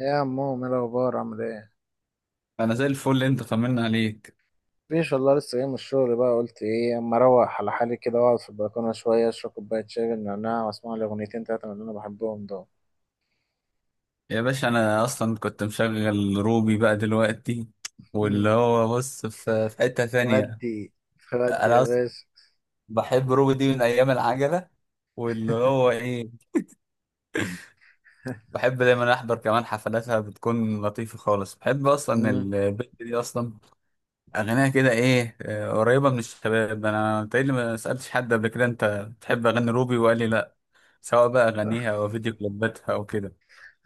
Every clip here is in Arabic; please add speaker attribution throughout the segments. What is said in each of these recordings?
Speaker 1: إيه يا عمو؟ ايه الاخبار؟ عامل ايه؟
Speaker 2: انا زي الفل اللي انت طمنا عليك.
Speaker 1: مفيش والله، لسه جاي من الشغل، بقى قلت ايه اما اروح على حالي كده واقعد في البلكونه شويه اشرب كوبايه شاي بالنعناع واسمع لي اغنيتين تلاته من اللي انا بحبهم دول.
Speaker 2: يا باشا انا اصلا كنت مشغل روبي بقى دلوقتي،
Speaker 1: مم.
Speaker 2: واللي هو بص في حتة ثانية.
Speaker 1: ودي ودي يا
Speaker 2: انا اصلا
Speaker 1: باشا.
Speaker 2: بحب روبي دي من ايام العجلة، واللي هو ايه، بحب دايما احضر كمان حفلاتها، بتكون لطيفة خالص، بحب اصلا
Speaker 1: مم.
Speaker 2: البنت دي اصلا. اغانيها كده ايه قريبة من الشباب. انا تقريبا ما سألتش حد قبل كده انت بتحب اغاني روبي وقال لي لا. سواء بقى اغانيها او فيديو كليباتها او كده.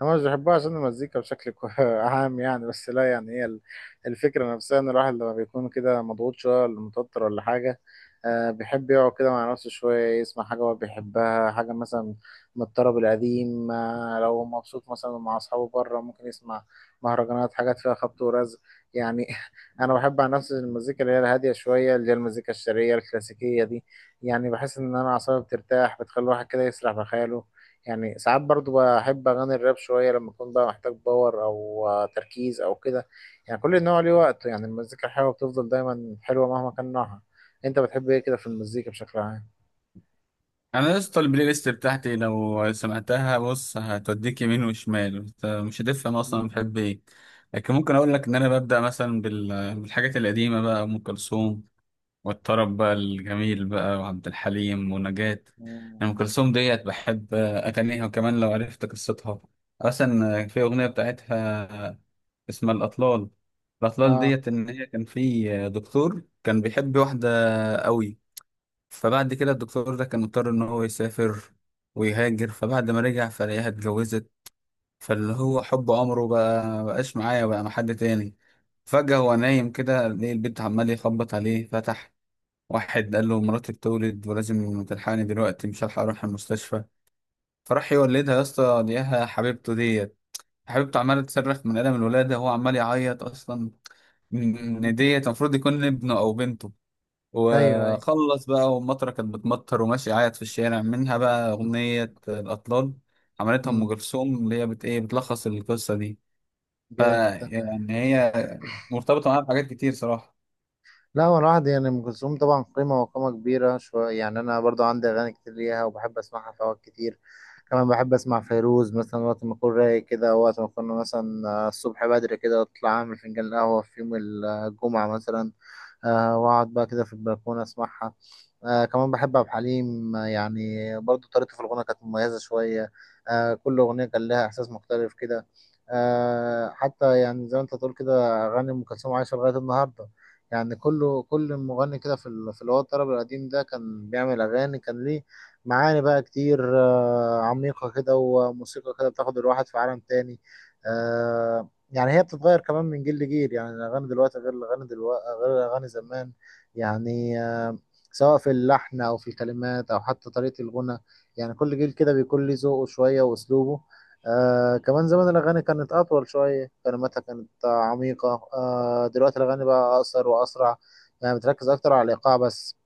Speaker 1: هما مش بيحبوها عشان المزيكا بشكل عام يعني، بس لا يعني هي الفكرة نفسها، إن الواحد لما بيكون كده مضغوط شوية ولا متوتر ولا حاجة. بيحب يقعد كده مع نفسه شوية يسمع حاجة هو بيحبها، حاجة مثلا من الطرب القديم. لو مبسوط مثلا مع أصحابه بره ممكن يسمع مهرجانات، حاجات فيها خبط ورزق يعني. أنا بحب عن نفسي المزيكا اللي هي الهادية شوية، اللي هي المزيكا الشرقية الكلاسيكية دي. يعني بحس إن أنا أعصابي بترتاح، بتخلي الواحد كده يسرح بخياله. يعني ساعات برضو بحب اغاني الراب شويه لما اكون بقى محتاج باور او تركيز او كده. يعني كل نوع ليه وقته، يعني المزيكا الحلوه بتفضل دايما حلوه مهما كان نوعها. انت بتحب ايه كده في المزيكا بشكل عام؟
Speaker 2: انا يا اسطى البلاي ليست بتاعتي لو سمعتها بص هتوديك يمين وشمال، انت مش هتفهم
Speaker 1: مم.
Speaker 2: اصلا بحب ايه. لكن ممكن اقول لك ان انا ببدا مثلا بالحاجات القديمه، بقى ام كلثوم والطرب بقى الجميل بقى، وعبد الحليم ونجاة.
Speaker 1: مم.
Speaker 2: أنا ام كلثوم ديت بحب اغانيها، وكمان لو عرفت قصتها. اصلا في اغنيه بتاعتها اسمها الاطلال. الاطلال
Speaker 1: اه.
Speaker 2: ديت ان هي كان في دكتور كان بيحب واحده قوي، فبعد كده الدكتور ده كان مضطر ان هو يسافر ويهاجر، فبعد ما رجع فلاقيها اتجوزت. فاللي هو حب عمره بقى مبقاش معايا، بقى مع حد تاني. فجأة هو نايم كده لقي البيت عمال يخبط عليه، فتح، واحد قال له مراتي بتولد ولازم تلحقني دلوقتي، مش هلحق اروح المستشفى. فراح يولدها يا اسطى، لقاها حبيبته ديت. حبيبته عمالة تصرخ من ألم الولادة وهو عمال يعيط أصلا،
Speaker 1: مم.
Speaker 2: إن ديت المفروض يكون ابنه أو بنته.
Speaker 1: ايوه، ايوه.
Speaker 2: وخلص بقى، والمطره كانت بتمطر وماشي قاعد في الشارع، منها بقى اغنيه الاطلال. عملتها
Speaker 1: مم.
Speaker 2: ام كلثوم، اللي هي بت ايه، بتلخص القصه دي. ف
Speaker 1: جامد ده.
Speaker 2: يعني هي مرتبطه معاها بحاجات كتير صراحه.
Speaker 1: لا هو الواحد يعني ام كلثوم طبعا قيمه وقامه كبيره شويه، يعني انا برضو عندي اغاني كتير ليها وبحب اسمعها في اوقات كتير. كمان بحب اسمع فيروز مثلا وقت ما اكون رايق كده، وقت ما اكون مثلا الصبح بدري كده اطلع اعمل فنجان قهوه في يوم الجمعه مثلا. واقعد بقى كده في البلكونه اسمعها. آه كمان بحب عبد الحليم، يعني برضو طريقته في الغنى كانت مميزه شويه. آه كل اغنيه كان لها احساس مختلف كده. آه حتى يعني زي ما انت تقول كده، اغاني ام كلثوم عايشه لغايه النهارده. يعني كله، كل مغني كده في في اللي هو الطرب القديم ده كان بيعمل اغاني كان ليه معاني بقى كتير، آه عميقه كده، وموسيقى كده بتاخد الواحد في عالم تاني. آه يعني هي بتتغير كمان من جيل لجيل. يعني الأغاني دلوقتي غير الأغاني زمان، يعني سواء في اللحن أو في الكلمات أو حتى طريقة الغنى. يعني كل جيل كده بيكون ليه ذوقه شوية وأسلوبه. آه كمان زمان الأغاني كانت أطول شوية، كلماتها كانت عميقة، آه دلوقتي الأغاني بقى أقصر وأسرع، يعني بتركز أكتر على الإيقاع بس.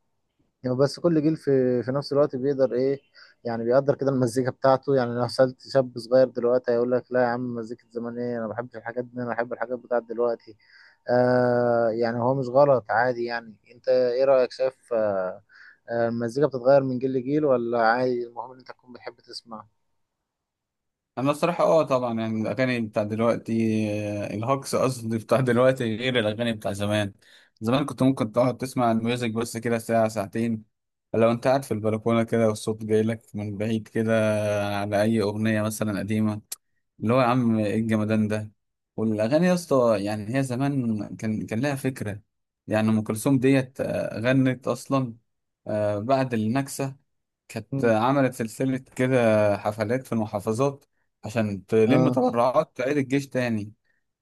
Speaker 1: يعني بس كل جيل في نفس الوقت بيقدر ايه يعني، بيقدر كده المزيكا بتاعته. يعني لو سألت شاب صغير دلوقتي هيقول لك لا يا عم، مزيكة زمان ايه؟ انا ما بحبش الحاجات دي، انا بحب الحاجات بتاعت دلوقتي. آه يعني هو مش غلط، عادي. يعني انت ايه رأيك؟ شايف آه المزيكا بتتغير من جيل لجيل ولا عادي؟ المهم ان انت تكون بتحب تسمع.
Speaker 2: انا الصراحه اه طبعا، يعني الاغاني بتاع دلوقتي، الهوكس قصدي بتاع دلوقتي غير الاغاني بتاع زمان. زمان كنت ممكن تقعد تسمع الميوزك بس كده ساعه ساعتين. لو انت قاعد في البلكونه كده والصوت جاي لك من بعيد كده على اي اغنيه مثلا قديمه، اللي هو يا عم ايه الجمدان ده. والاغاني يا اسطى يعني هي زمان كان لها فكره. يعني ام كلثوم ديت غنت اصلا بعد النكسه، كانت
Speaker 1: مم.
Speaker 2: عملت سلسلة كده حفلات في المحافظات عشان تلم
Speaker 1: اه.
Speaker 2: تبرعات تعيد الجيش تاني.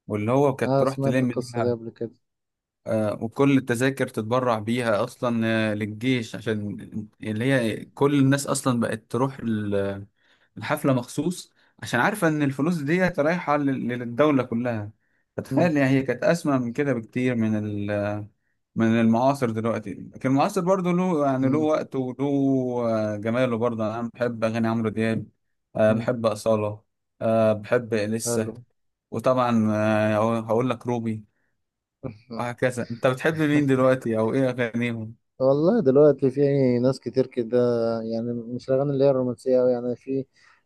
Speaker 2: واللي هو كانت
Speaker 1: اه
Speaker 2: تروح
Speaker 1: سمعت
Speaker 2: تلم
Speaker 1: القصة دي
Speaker 2: بيها
Speaker 1: قبل كده.
Speaker 2: وكل التذاكر تتبرع بيها اصلا للجيش، عشان اللي هي كل الناس اصلا بقت تروح الحفلة مخصوص، عشان عارفة ان الفلوس دي رايحة للدولة كلها.
Speaker 1: مم.
Speaker 2: فتخيل يعني هي كانت اسمى من كده بكتير من ال، من المعاصر دلوقتي. لكن المعاصر برضه له يعني له
Speaker 1: مم.
Speaker 2: وقته وله جماله برضه. انا بحب اغاني عمرو دياب،
Speaker 1: مم.
Speaker 2: بحب أصالة، بحب لسه،
Speaker 1: حلو.
Speaker 2: وطبعا هقول لك روبي، وهكذا. انت بتحب مين دلوقتي او ايه اغانيهم؟
Speaker 1: والله دلوقتي في ناس كتير كده، يعني مش الأغاني اللي هي الرومانسية أوي يعني. في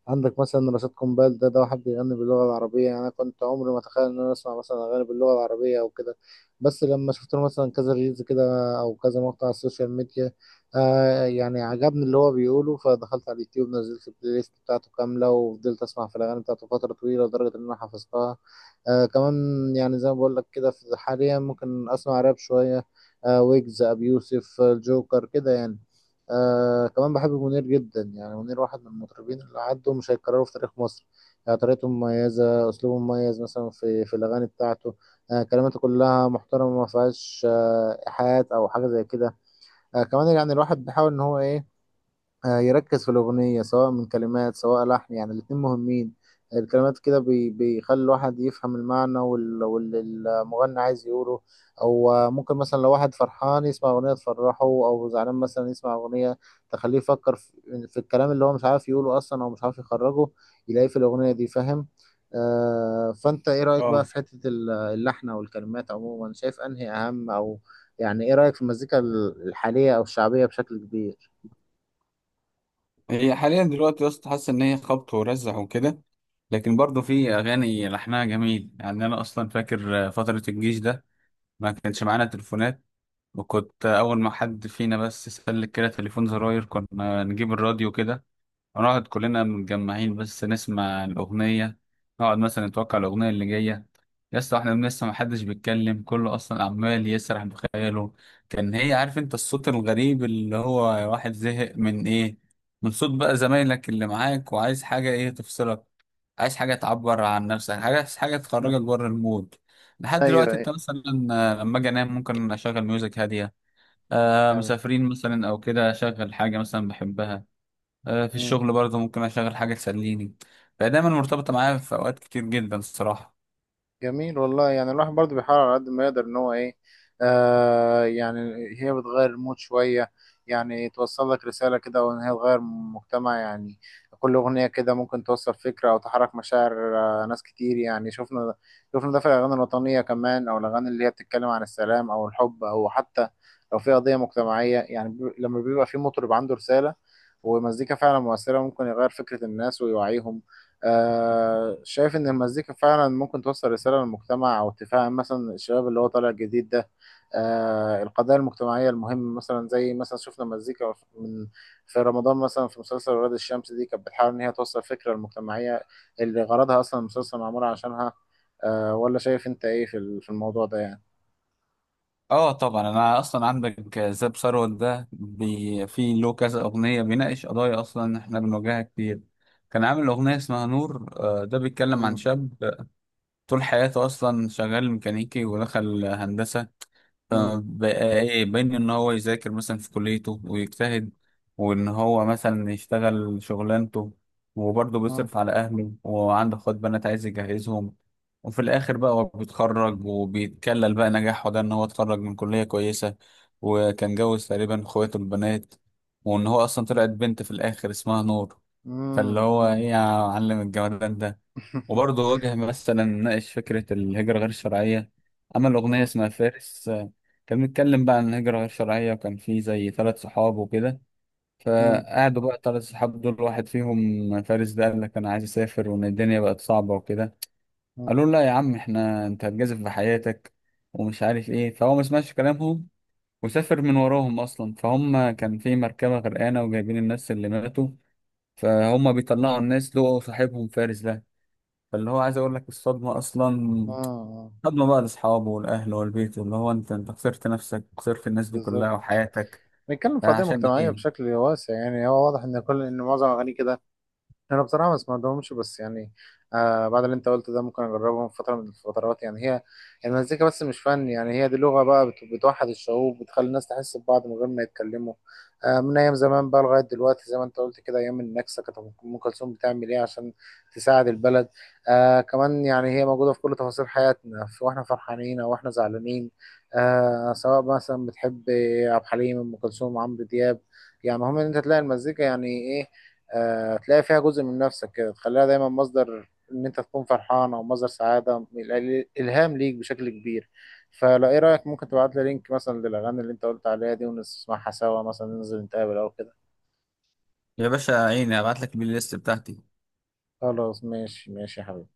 Speaker 1: عندك مثلا رشاد قنبال، ده واحد بيغني باللغة العربية. يعني أنا كنت عمري ما أتخيل إن أنا أسمع مثلا أغاني باللغة العربية أو كده، بس لما شفت له مثلا كذا ريلز كده، أو كذا مقطع على السوشيال ميديا، آه يعني عجبني اللي هو بيقوله، فدخلت على اليوتيوب نزلت البلاي ليست بتاعته كاملة وفضلت أسمع في الأغاني بتاعته فترة طويلة لدرجة إن أنا حفظتها. آه كمان يعني زي ما بقول لك كده، حاليا ممكن أسمع راب شوية، آه ويجز، ابي يوسف، الجوكر كده يعني. آه كمان بحب منير جدا، يعني منير واحد من المطربين اللي عدوا، مش هيتكرروا في تاريخ مصر. يعني طريقته مميزة، أسلوبه مميز مثلا في الأغاني بتاعته. آه كلماته كلها محترمة، ما فيهاش آه إيحاءات أو حاجة زي كده. آه كمان يعني الواحد بيحاول إن هو إيه، يركز في الأغنية سواء من كلمات سواء لحن، يعني الاتنين مهمين. الكلمات كده بيخلي الواحد يفهم المعنى واللي المغني عايز يقوله. أو ممكن مثلا لو واحد فرحان يسمع أغنية تفرحه، أو زعلان مثلا يسمع أغنية تخليه يفكر في الكلام اللي هو مش عارف يقوله أصلا، أو مش عارف يخرجه يلاقيه في الأغنية دي، فاهم؟ آه فأنت إيه رأيك بقى
Speaker 2: اه،
Speaker 1: في حتة اللحن أو الكلمات عموما؟ شايف أنهي أهم؟ أو يعني إيه رأيك في المزيكا الحالية أو الشعبية بشكل كبير؟
Speaker 2: هي حاليا دلوقتي يا اسطى حاسس ان هي خبط ورزع وكده، لكن برضه في اغاني لحنها جميل. يعني انا اصلا فاكر فتره الجيش ده ما كانش معانا تليفونات، وكنت اول ما حد فينا بس سلك كده تليفون زراير كنا نجيب الراديو كده، نقعد كلنا متجمعين بس نسمع الأغنية، نقعد مثلا نتوقع الأغنية اللي جاية. يا اسطى احنا لسه محدش بيتكلم، كله أصلا عمال يسرح بخياله. كان هي عارف انت الصوت الغريب اللي هو واحد زهق من ايه، من صوت بقى زمايلك اللي معاك، وعايز حاجة ايه تفصلك، عايز حاجة تعبر عن نفسك حاجة، عايز حاجة تخرجك بره المود. لحد دلوقتي
Speaker 1: ايوه.
Speaker 2: انت مثلا لما اجي انام ممكن اشغل ميوزك هادية، آه
Speaker 1: حلو.
Speaker 2: مسافرين مثلا او كده اشغل حاجة مثلا بحبها، في
Speaker 1: مم.
Speaker 2: الشغل برضه ممكن اشغل حاجه تسليني. فهي دايما مرتبطه معايا في اوقات كتير جدا الصراحه.
Speaker 1: جميل والله، يعني الواحد برضه بيحاول على قد ما يقدر ان هو ايه، آه يعني هي بتغير المود شوية، يعني توصل لك رسالة كده، وان هي تغير مجتمع يعني. كل أغنية كده ممكن توصل فكرة أو تحرك مشاعر. آه ناس كتير، يعني شفنا ده في الأغاني الوطنية كمان، أو الأغاني اللي هي بتتكلم عن السلام أو الحب، أو حتى لو في قضية مجتمعية، يعني لما بيبقى في مطرب عنده رسالة ومزيكا فعلا مؤثرة ممكن يغير فكرة الناس ويوعيهم. آه شايف إن المزيكا فعلا ممكن توصل رسالة للمجتمع أو تفهم مثلا الشباب اللي هو طالع جديد ده، آه القضايا المجتمعية المهمة مثلا؟ زي مثلا شفنا مزيكا من، في رمضان مثلا في مسلسل ولاد الشمس دي، كانت بتحاول إن هي توصل فكرة المجتمعية اللي غرضها أصلا المسلسل معمول عشانها. آه ولا شايف أنت إيه في في الموضوع ده يعني؟
Speaker 2: اه طبعا، انا اصلا عندك زاب ثروت ده بي في له كذا اغنيه بيناقش قضايا اصلا احنا بنواجهها كتير. كان عامل اغنيه اسمها نور ده بيتكلم عن
Speaker 1: مم،
Speaker 2: شاب طول حياته اصلا شغال ميكانيكي ودخل هندسه.
Speaker 1: مم،
Speaker 2: بقى ايه بين ان هو يذاكر مثلا في كليته ويجتهد، وان هو مثلا يشتغل شغلانته، وبرضه
Speaker 1: مم،
Speaker 2: بيصرف على اهله وعنده اخوات بنات عايز يجهزهم. وفي الاخر بقى هو بيتخرج وبيتكلل بقى نجاحه ده ان هو اتخرج من كلية كويسة، وكان جوز تقريبا اخواته البنات، وان هو اصلا طلعت بنت في الاخر اسمها نور.
Speaker 1: مم،
Speaker 2: فاللي هو ايه
Speaker 1: مم.
Speaker 2: يا معلم الجمدان ده. وبرضه واجه مثلا، ناقش فكرة الهجرة غير الشرعية، عمل أغنية
Speaker 1: مم.
Speaker 2: اسمها فارس كان بيتكلم بقى عن الهجرة غير شرعية، وكان فيه زي ثلاث صحاب وكده.
Speaker 1: مم.
Speaker 2: فقعدوا بقى ثلاث صحاب دول، واحد فيهم فارس ده قال لك أنا عايز أسافر وإن الدنيا بقت صعبة وكده.
Speaker 1: مم.
Speaker 2: قالوا له لا يا عم إحنا، أنت هتجازف بحياتك ومش عارف إيه. فهو ما سمعش كلامهم، وسافر من وراهم أصلا. فهم كان في مركبة غرقانة وجايبين الناس اللي ماتوا، فهم بيطلعوا الناس لقوا صاحبهم فارس ده. فاللي هو عايز اقول لك الصدمه اصلا،
Speaker 1: مم.
Speaker 2: صدمه بقى لاصحابه والاهل والبيت، اللي هو انت، انت خسرت نفسك، خسرت الناس دي
Speaker 1: بالظبط.
Speaker 2: كلها وحياتك
Speaker 1: بيتكلم في قضية
Speaker 2: عشان
Speaker 1: مجتمعية
Speaker 2: ايه.
Speaker 1: بشكل واسع، يعني هو واضح ان معظم اغانيه كده. انا بصراحه ما سمعتهمش، بس يعني آه بعد اللي انت قلته ده ممكن اجربهم في فتره من الفترات. يعني هي المزيكا بس مش فن، يعني هي دي لغه بقى بتوحد الشعوب، بتخلي الناس تحس ببعض من غير ما يتكلموا. آه من ايام زمان بقى لغايه دلوقتي، زي ما انت قلت كده، ايام النكسه كانت ام كلثوم بتعمل ايه عشان تساعد البلد. آه كمان يعني هي موجوده في كل تفاصيل حياتنا، في واحنا فرحانين او واحنا زعلانين. آه سواء مثلا بتحب عبد الحليم، ام كلثوم، عمرو دياب، يعني مهم ان انت تلاقي المزيكا يعني ايه، تلاقي فيها جزء من نفسك كده، تخليها دايما مصدر ان انت تكون فرحان، او مصدر سعاده الهام ليك بشكل كبير. فلا ايه رايك ممكن تبعت لي لينك مثلا للاغاني اللي انت قلت عليها دي ونسمعها سوا؟ مثلا ننزل نتقابل او كده.
Speaker 2: يا باشا عيني، ابعت لك البلاي ليست بتاعتي.
Speaker 1: خلاص ماشي، ماشي يا حبيبي.